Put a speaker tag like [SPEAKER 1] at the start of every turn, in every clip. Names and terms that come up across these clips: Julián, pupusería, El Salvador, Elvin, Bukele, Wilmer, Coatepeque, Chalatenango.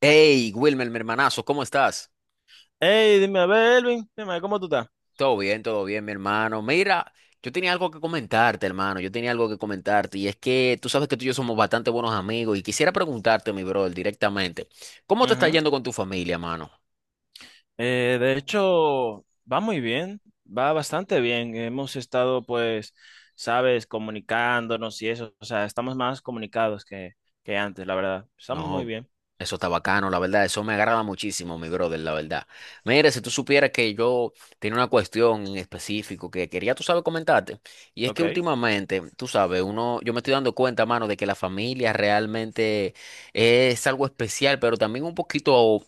[SPEAKER 1] Hey, Wilmer, mi hermanazo, ¿cómo estás?
[SPEAKER 2] Hey, dime, a ver, Elvin, dime, a ver, ¿cómo tú estás?
[SPEAKER 1] Todo bien, mi hermano. Mira, yo tenía algo que comentarte, hermano. Yo tenía algo que comentarte. Y es que tú sabes que tú y yo somos bastante buenos amigos. Y quisiera preguntarte, mi brother, directamente, ¿cómo te está
[SPEAKER 2] Ujú.
[SPEAKER 1] yendo con tu familia, mano?
[SPEAKER 2] De hecho, va muy bien, va bastante bien. Hemos estado, pues, sabes, comunicándonos y eso, o sea, estamos más comunicados que antes, la verdad. Estamos muy
[SPEAKER 1] No,
[SPEAKER 2] bien.
[SPEAKER 1] eso está bacano, la verdad, eso me agrada muchísimo, mi brother, la verdad. Mire, si tú supieras que yo tenía una cuestión en específico que quería, tú sabes, comentarte, y es que
[SPEAKER 2] Ok.
[SPEAKER 1] últimamente, tú sabes, uno, yo me estoy dando cuenta, mano, de que la familia realmente es algo especial, pero también un poquito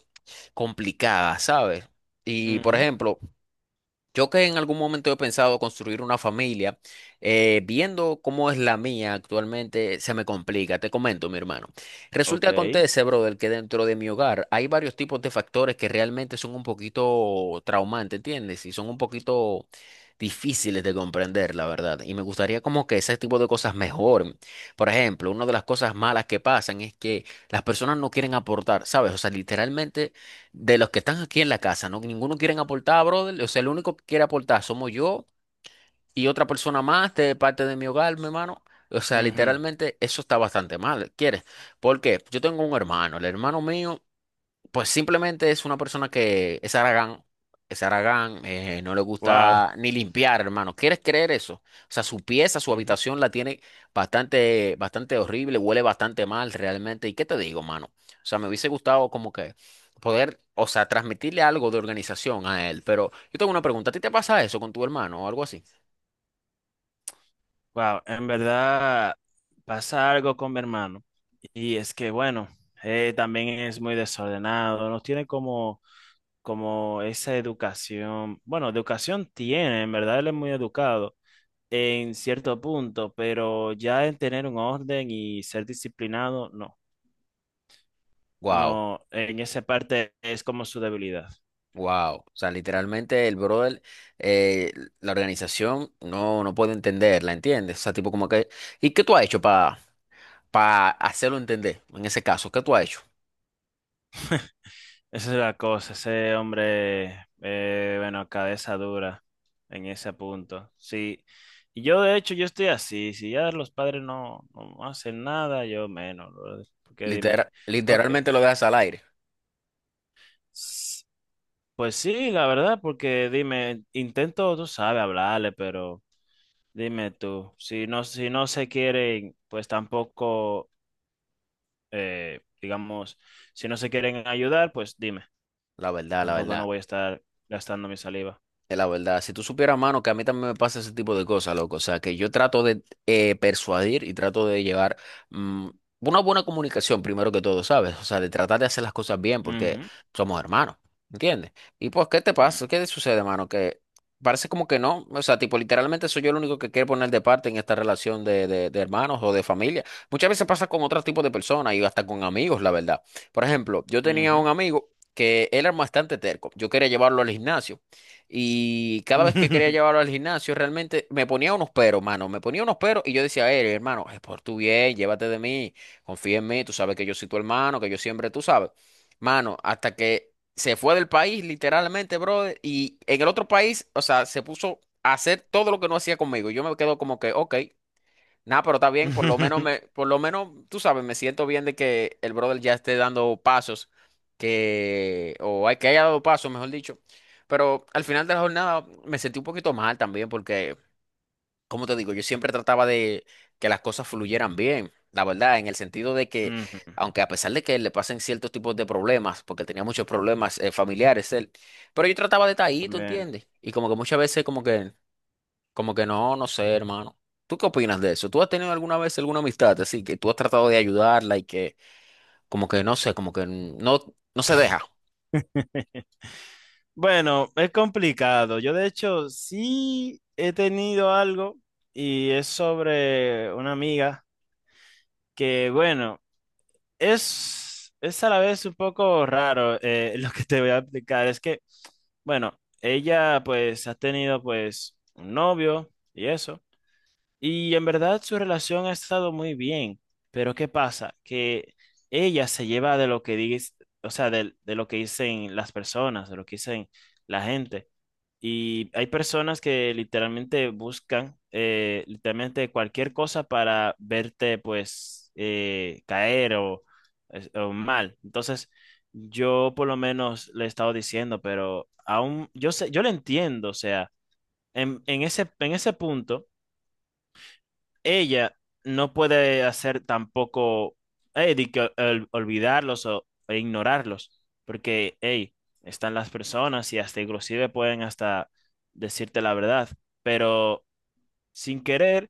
[SPEAKER 1] complicada, ¿sabes? Y, por
[SPEAKER 2] Ujú.
[SPEAKER 1] ejemplo, yo que en algún momento he pensado construir una familia, viendo cómo es la mía actualmente, se me complica. Te comento, mi hermano. Resulta
[SPEAKER 2] Ok.
[SPEAKER 1] que acontece, brother, que dentro de mi hogar hay varios tipos de factores que realmente son un poquito traumantes, ¿entiendes? Y son un poquito difíciles de comprender, la verdad. Y me gustaría como que ese tipo de cosas mejoren. Por ejemplo, una de las cosas malas que pasan es que las personas no quieren aportar, ¿sabes? O sea, literalmente de los que están aquí en la casa, ¿no? Ninguno quieren aportar, brother. O sea, el único que quiere aportar somos yo y otra persona más de parte de mi hogar, mi hermano. O sea,
[SPEAKER 2] Ujú.
[SPEAKER 1] literalmente eso está bastante mal, ¿quieres? Porque yo tengo un hermano, el hermano mío. Pues simplemente es una persona que es aragán, no le
[SPEAKER 2] Wow.
[SPEAKER 1] gusta ni limpiar, hermano. ¿Quieres creer eso? O sea, su pieza, su
[SPEAKER 2] Ujú.
[SPEAKER 1] habitación la tiene bastante, bastante horrible, huele bastante mal realmente. ¿Y qué te digo, mano? O sea, me hubiese gustado como que poder, o sea, transmitirle algo de organización a él. Pero yo tengo una pregunta, ¿a ti te pasa eso con tu hermano o algo así?
[SPEAKER 2] Wow. En verdad, pasa algo con mi hermano. Y es que, bueno, también es muy desordenado, nos tiene como esa educación, bueno, educación tiene, en verdad él es muy educado en cierto punto, pero ya en tener un orden y ser disciplinado, no,
[SPEAKER 1] Wow,
[SPEAKER 2] no, en esa parte es como su debilidad.
[SPEAKER 1] wow. O sea, literalmente el brother, eh, la organización no, no puede entenderla, ¿entiendes? O sea, tipo como que... ¿Y qué tú has hecho para hacerlo entender? En ese caso, ¿qué tú has hecho?
[SPEAKER 2] Esa es la cosa, ese hombre, bueno, cabeza dura en ese punto. Sí, y yo de hecho yo estoy así, si ya los padres no hacen nada, yo menos, brother, porque dime, ok.
[SPEAKER 1] Literalmente lo dejas al aire.
[SPEAKER 2] Pues sí, la verdad, porque dime, intento, tú sabes, hablarle, pero dime tú, si no se quieren, pues tampoco, digamos, si no se quieren ayudar, pues dime,
[SPEAKER 1] La verdad, la
[SPEAKER 2] tampoco no
[SPEAKER 1] verdad.
[SPEAKER 2] voy a estar gastando mi saliva.
[SPEAKER 1] Es la verdad, si tú supieras, mano, que a mí también me pasa ese tipo de cosas, loco. O sea, que yo trato de persuadir y trato de llevar mm, una buena comunicación, primero que todo, ¿sabes? O sea, de tratar de hacer las cosas bien porque
[SPEAKER 2] Ujú,
[SPEAKER 1] somos hermanos, ¿entiendes? Y pues, ¿qué te pasa? ¿Qué
[SPEAKER 2] mm,
[SPEAKER 1] te sucede, mano? Que parece como que no. O sea, tipo, literalmente soy yo el único que quiere poner de parte en esta relación de hermanos o de familia. Muchas veces pasa con otros tipos de personas y hasta con amigos, la verdad. Por ejemplo, yo tenía un amigo que él era bastante terco. Yo quería llevarlo al gimnasio. Y cada
[SPEAKER 2] ujú.
[SPEAKER 1] vez que quería llevarlo al gimnasio, realmente me ponía unos peros, mano. Me ponía unos peros y yo decía, a hermano, es por tu bien, llévate de mí, confía en mí, tú sabes que yo soy tu hermano, que yo siempre, tú sabes. Mano, hasta que se fue del país, literalmente, brother, y en el otro país, o sea, se puso a hacer todo lo que no hacía conmigo. Yo me quedo como que, ok. Nada, pero está bien, por lo menos me, por lo menos, tú sabes, me siento bien de que el brother ya esté dando pasos, que, que haya dado pasos, mejor dicho. Pero al final de la jornada me sentí un poquito mal también, porque, como te digo, yo siempre trataba de que las cosas fluyeran bien, la verdad, en el sentido de que,
[SPEAKER 2] Ujú,
[SPEAKER 1] aunque a pesar de que le pasen ciertos tipos de problemas, porque tenía muchos problemas familiares él, pero yo trataba de estar ahí, ¿tú
[SPEAKER 2] también.
[SPEAKER 1] entiendes? Y como que muchas veces como que no, no sé, hermano. ¿Tú qué opinas de eso? ¿Tú has tenido alguna vez alguna amistad así que tú has tratado de ayudarla y que como que no sé, como que no, no se deja?
[SPEAKER 2] Bueno, es complicado. Yo de hecho sí he tenido algo y es sobre una amiga que, bueno. Es a la vez un poco raro lo que te voy a explicar. Es que, bueno, ella pues ha tenido pues un novio y eso. Y en verdad su relación ha estado muy bien, pero ¿qué pasa? Que ella se lleva de lo que dice, o sea, de lo que dicen las personas, de lo que dicen la gente. Y hay personas que literalmente buscan literalmente cualquier cosa para verte pues caer o, o mal. Entonces, yo por lo menos le he estado diciendo, pero aún yo sé, yo le entiendo, o sea, en ese punto ella no puede hacer tampoco de que olvidarlos o e ignorarlos, porque hey, están las personas y hasta inclusive pueden hasta decirte la verdad, pero sin querer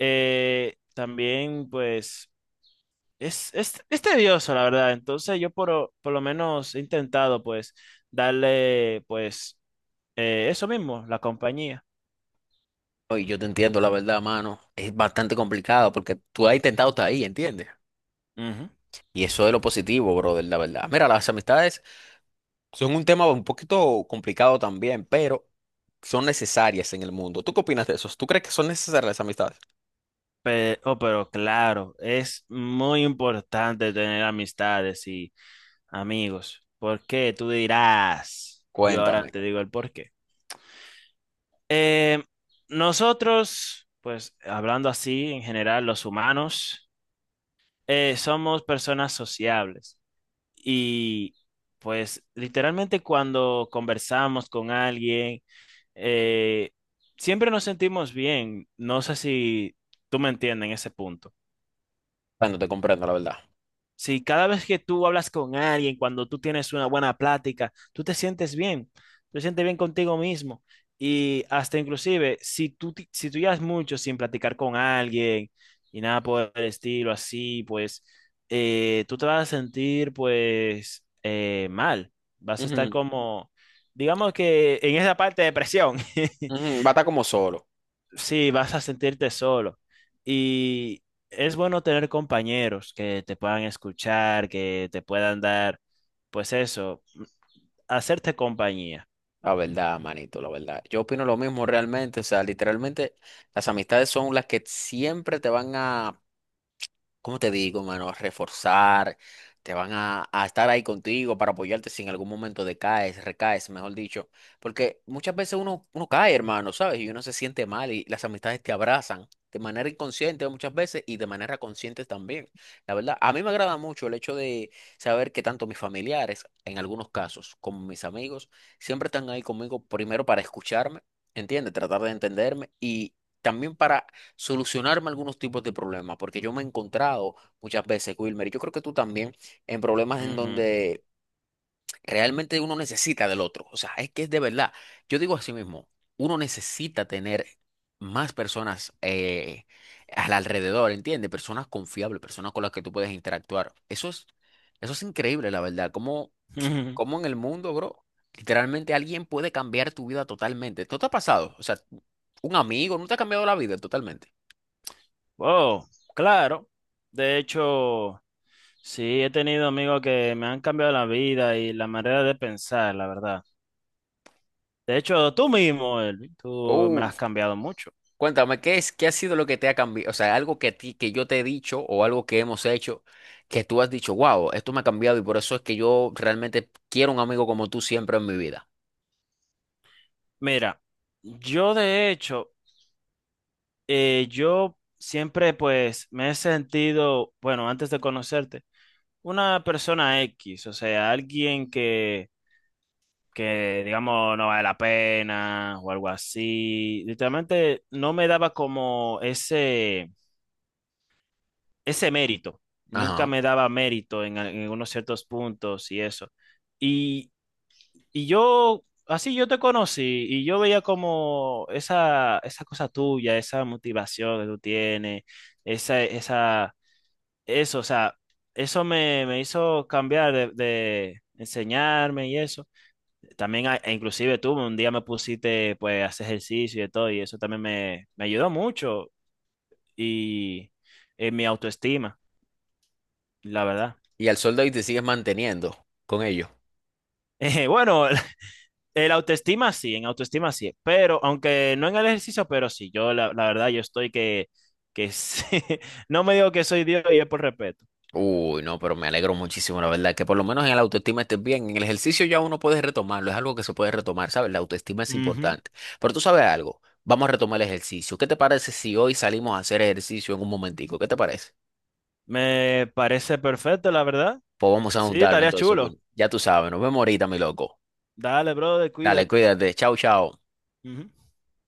[SPEAKER 2] también pues es tedioso la verdad, entonces yo por lo menos he intentado pues darle pues eso mismo, la compañía.
[SPEAKER 1] Oye, yo te entiendo, la verdad, mano. Es bastante complicado porque tú has intentado estar ahí, ¿entiendes?
[SPEAKER 2] Ujú.
[SPEAKER 1] Y eso es lo positivo, brother, la verdad. Mira, las amistades son un tema un poquito complicado también, pero son necesarias en el mundo. ¿Tú qué opinas de eso? ¿Tú crees que son necesarias las amistades?
[SPEAKER 2] Oh, pero claro, es muy importante tener amistades y amigos. ¿Por qué? Tú dirás. Yo ahora
[SPEAKER 1] Cuéntame.
[SPEAKER 2] te digo el por qué. Eh, nosotros, pues hablando así, en general, los humanos, somos personas sociables. Y pues literalmente cuando conversamos con alguien, eh, siempre nos sentimos bien. No sé si tú me entiendes en ese punto.
[SPEAKER 1] Cuando te comprendo, la verdad.
[SPEAKER 2] Si cada vez que tú hablas con alguien, cuando tú tienes una buena plática, tú te sientes bien, tú te sientes bien contigo mismo. Y hasta inclusive, si si tú llevas mucho sin platicar con alguien y nada por el estilo así, pues tú te vas a sentir pues mal. Vas a estar
[SPEAKER 1] Ujú,
[SPEAKER 2] como, digamos que en esa parte de depresión.
[SPEAKER 1] ujú, va a estar como solo.
[SPEAKER 2] Sí, vas a sentirte solo. Y es bueno tener compañeros que te puedan escuchar, que te puedan dar, pues eso, hacerte compañía.
[SPEAKER 1] La verdad, manito, la verdad. Yo opino lo mismo realmente. O sea, literalmente las amistades son las que siempre te van a... ¿Cómo te digo, mano? Reforzar, te van a estar ahí contigo para apoyarte si en algún momento decaes, recaes, mejor dicho. Porque muchas veces uno cae, hermano, ¿sabes? Y uno se siente mal y las amistades te abrazan de manera inconsciente muchas veces y de manera consciente también. La verdad, a mí me agrada mucho el hecho de saber que tanto mis familiares, en algunos casos, como mis amigos, siempre están ahí conmigo primero para escucharme, ¿entiendes? Tratar de entenderme y también para solucionarme algunos tipos de problemas, porque yo me he encontrado muchas veces, Wilmer, y yo creo que tú también, en problemas en donde realmente uno necesita del otro. O sea, es que es de verdad. Yo digo así mismo, uno necesita tener más personas al alrededor, ¿entiendes? Personas confiables, personas con las que tú puedes interactuar. Eso es increíble, la verdad. Como
[SPEAKER 2] Ujú.
[SPEAKER 1] ¿Cómo en el mundo, bro, literalmente alguien puede cambiar tu vida totalmente? ¿Esto te ha pasado? O sea, un amigo no te ha cambiado la vida totalmente.
[SPEAKER 2] Oh, claro. De hecho, sí, he tenido amigos que me han cambiado la vida y la manera de pensar, la verdad. De hecho, tú mismo, Elvin, tú me has cambiado mucho.
[SPEAKER 1] Cuéntame, ¿qué es, qué ha sido lo que te ha cambiado? O sea, algo que a ti, que yo te he dicho o algo que hemos hecho que tú has dicho, wow, esto me ha cambiado y por eso es que yo realmente quiero un amigo como tú siempre en mi vida.
[SPEAKER 2] Mira, yo de hecho yo siempre pues me he sentido, bueno, antes de conocerte, una persona X, o sea, alguien que digamos no vale la pena o algo así. Literalmente no me daba como ese mérito, nunca
[SPEAKER 1] Ajá.
[SPEAKER 2] me daba mérito en, en unos ciertos puntos y eso. Y, y yo, así yo te conocí y yo veía como esa cosa tuya, esa motivación que tú tienes, esa, esa o sea, eso me, me hizo cambiar de enseñarme y eso. También, e inclusive tú un día me pusiste pues a hacer ejercicio y de todo, y eso también me ayudó mucho y en mi autoestima, la verdad.
[SPEAKER 1] Y al sol de hoy te sigues manteniendo con ellos.
[SPEAKER 2] Bueno, el autoestima sí, en autoestima sí, pero aunque no en el ejercicio, pero sí, yo la verdad yo estoy que sí. No me digo que soy Dios y es por respeto.
[SPEAKER 1] Uy, no, pero me alegro muchísimo, la verdad, que por lo menos en la autoestima estés bien. En el ejercicio ya uno puede retomarlo, es algo que se puede retomar, ¿sabes? La autoestima es
[SPEAKER 2] Ujú.
[SPEAKER 1] importante. Pero tú sabes algo, vamos a retomar el ejercicio. ¿Qué te parece si hoy salimos a hacer ejercicio en un momentico? ¿Qué te parece?
[SPEAKER 2] Me parece perfecto, la verdad.
[SPEAKER 1] Pues vamos a
[SPEAKER 2] Sí,
[SPEAKER 1] juntarlo
[SPEAKER 2] estaría
[SPEAKER 1] entonces,
[SPEAKER 2] chulo.
[SPEAKER 1] Will. Ya tú sabes, nos vemos ahorita, mi loco.
[SPEAKER 2] Dale, brother,
[SPEAKER 1] Dale,
[SPEAKER 2] cuídate.
[SPEAKER 1] cuídate. Chao, chao.
[SPEAKER 2] Ujú.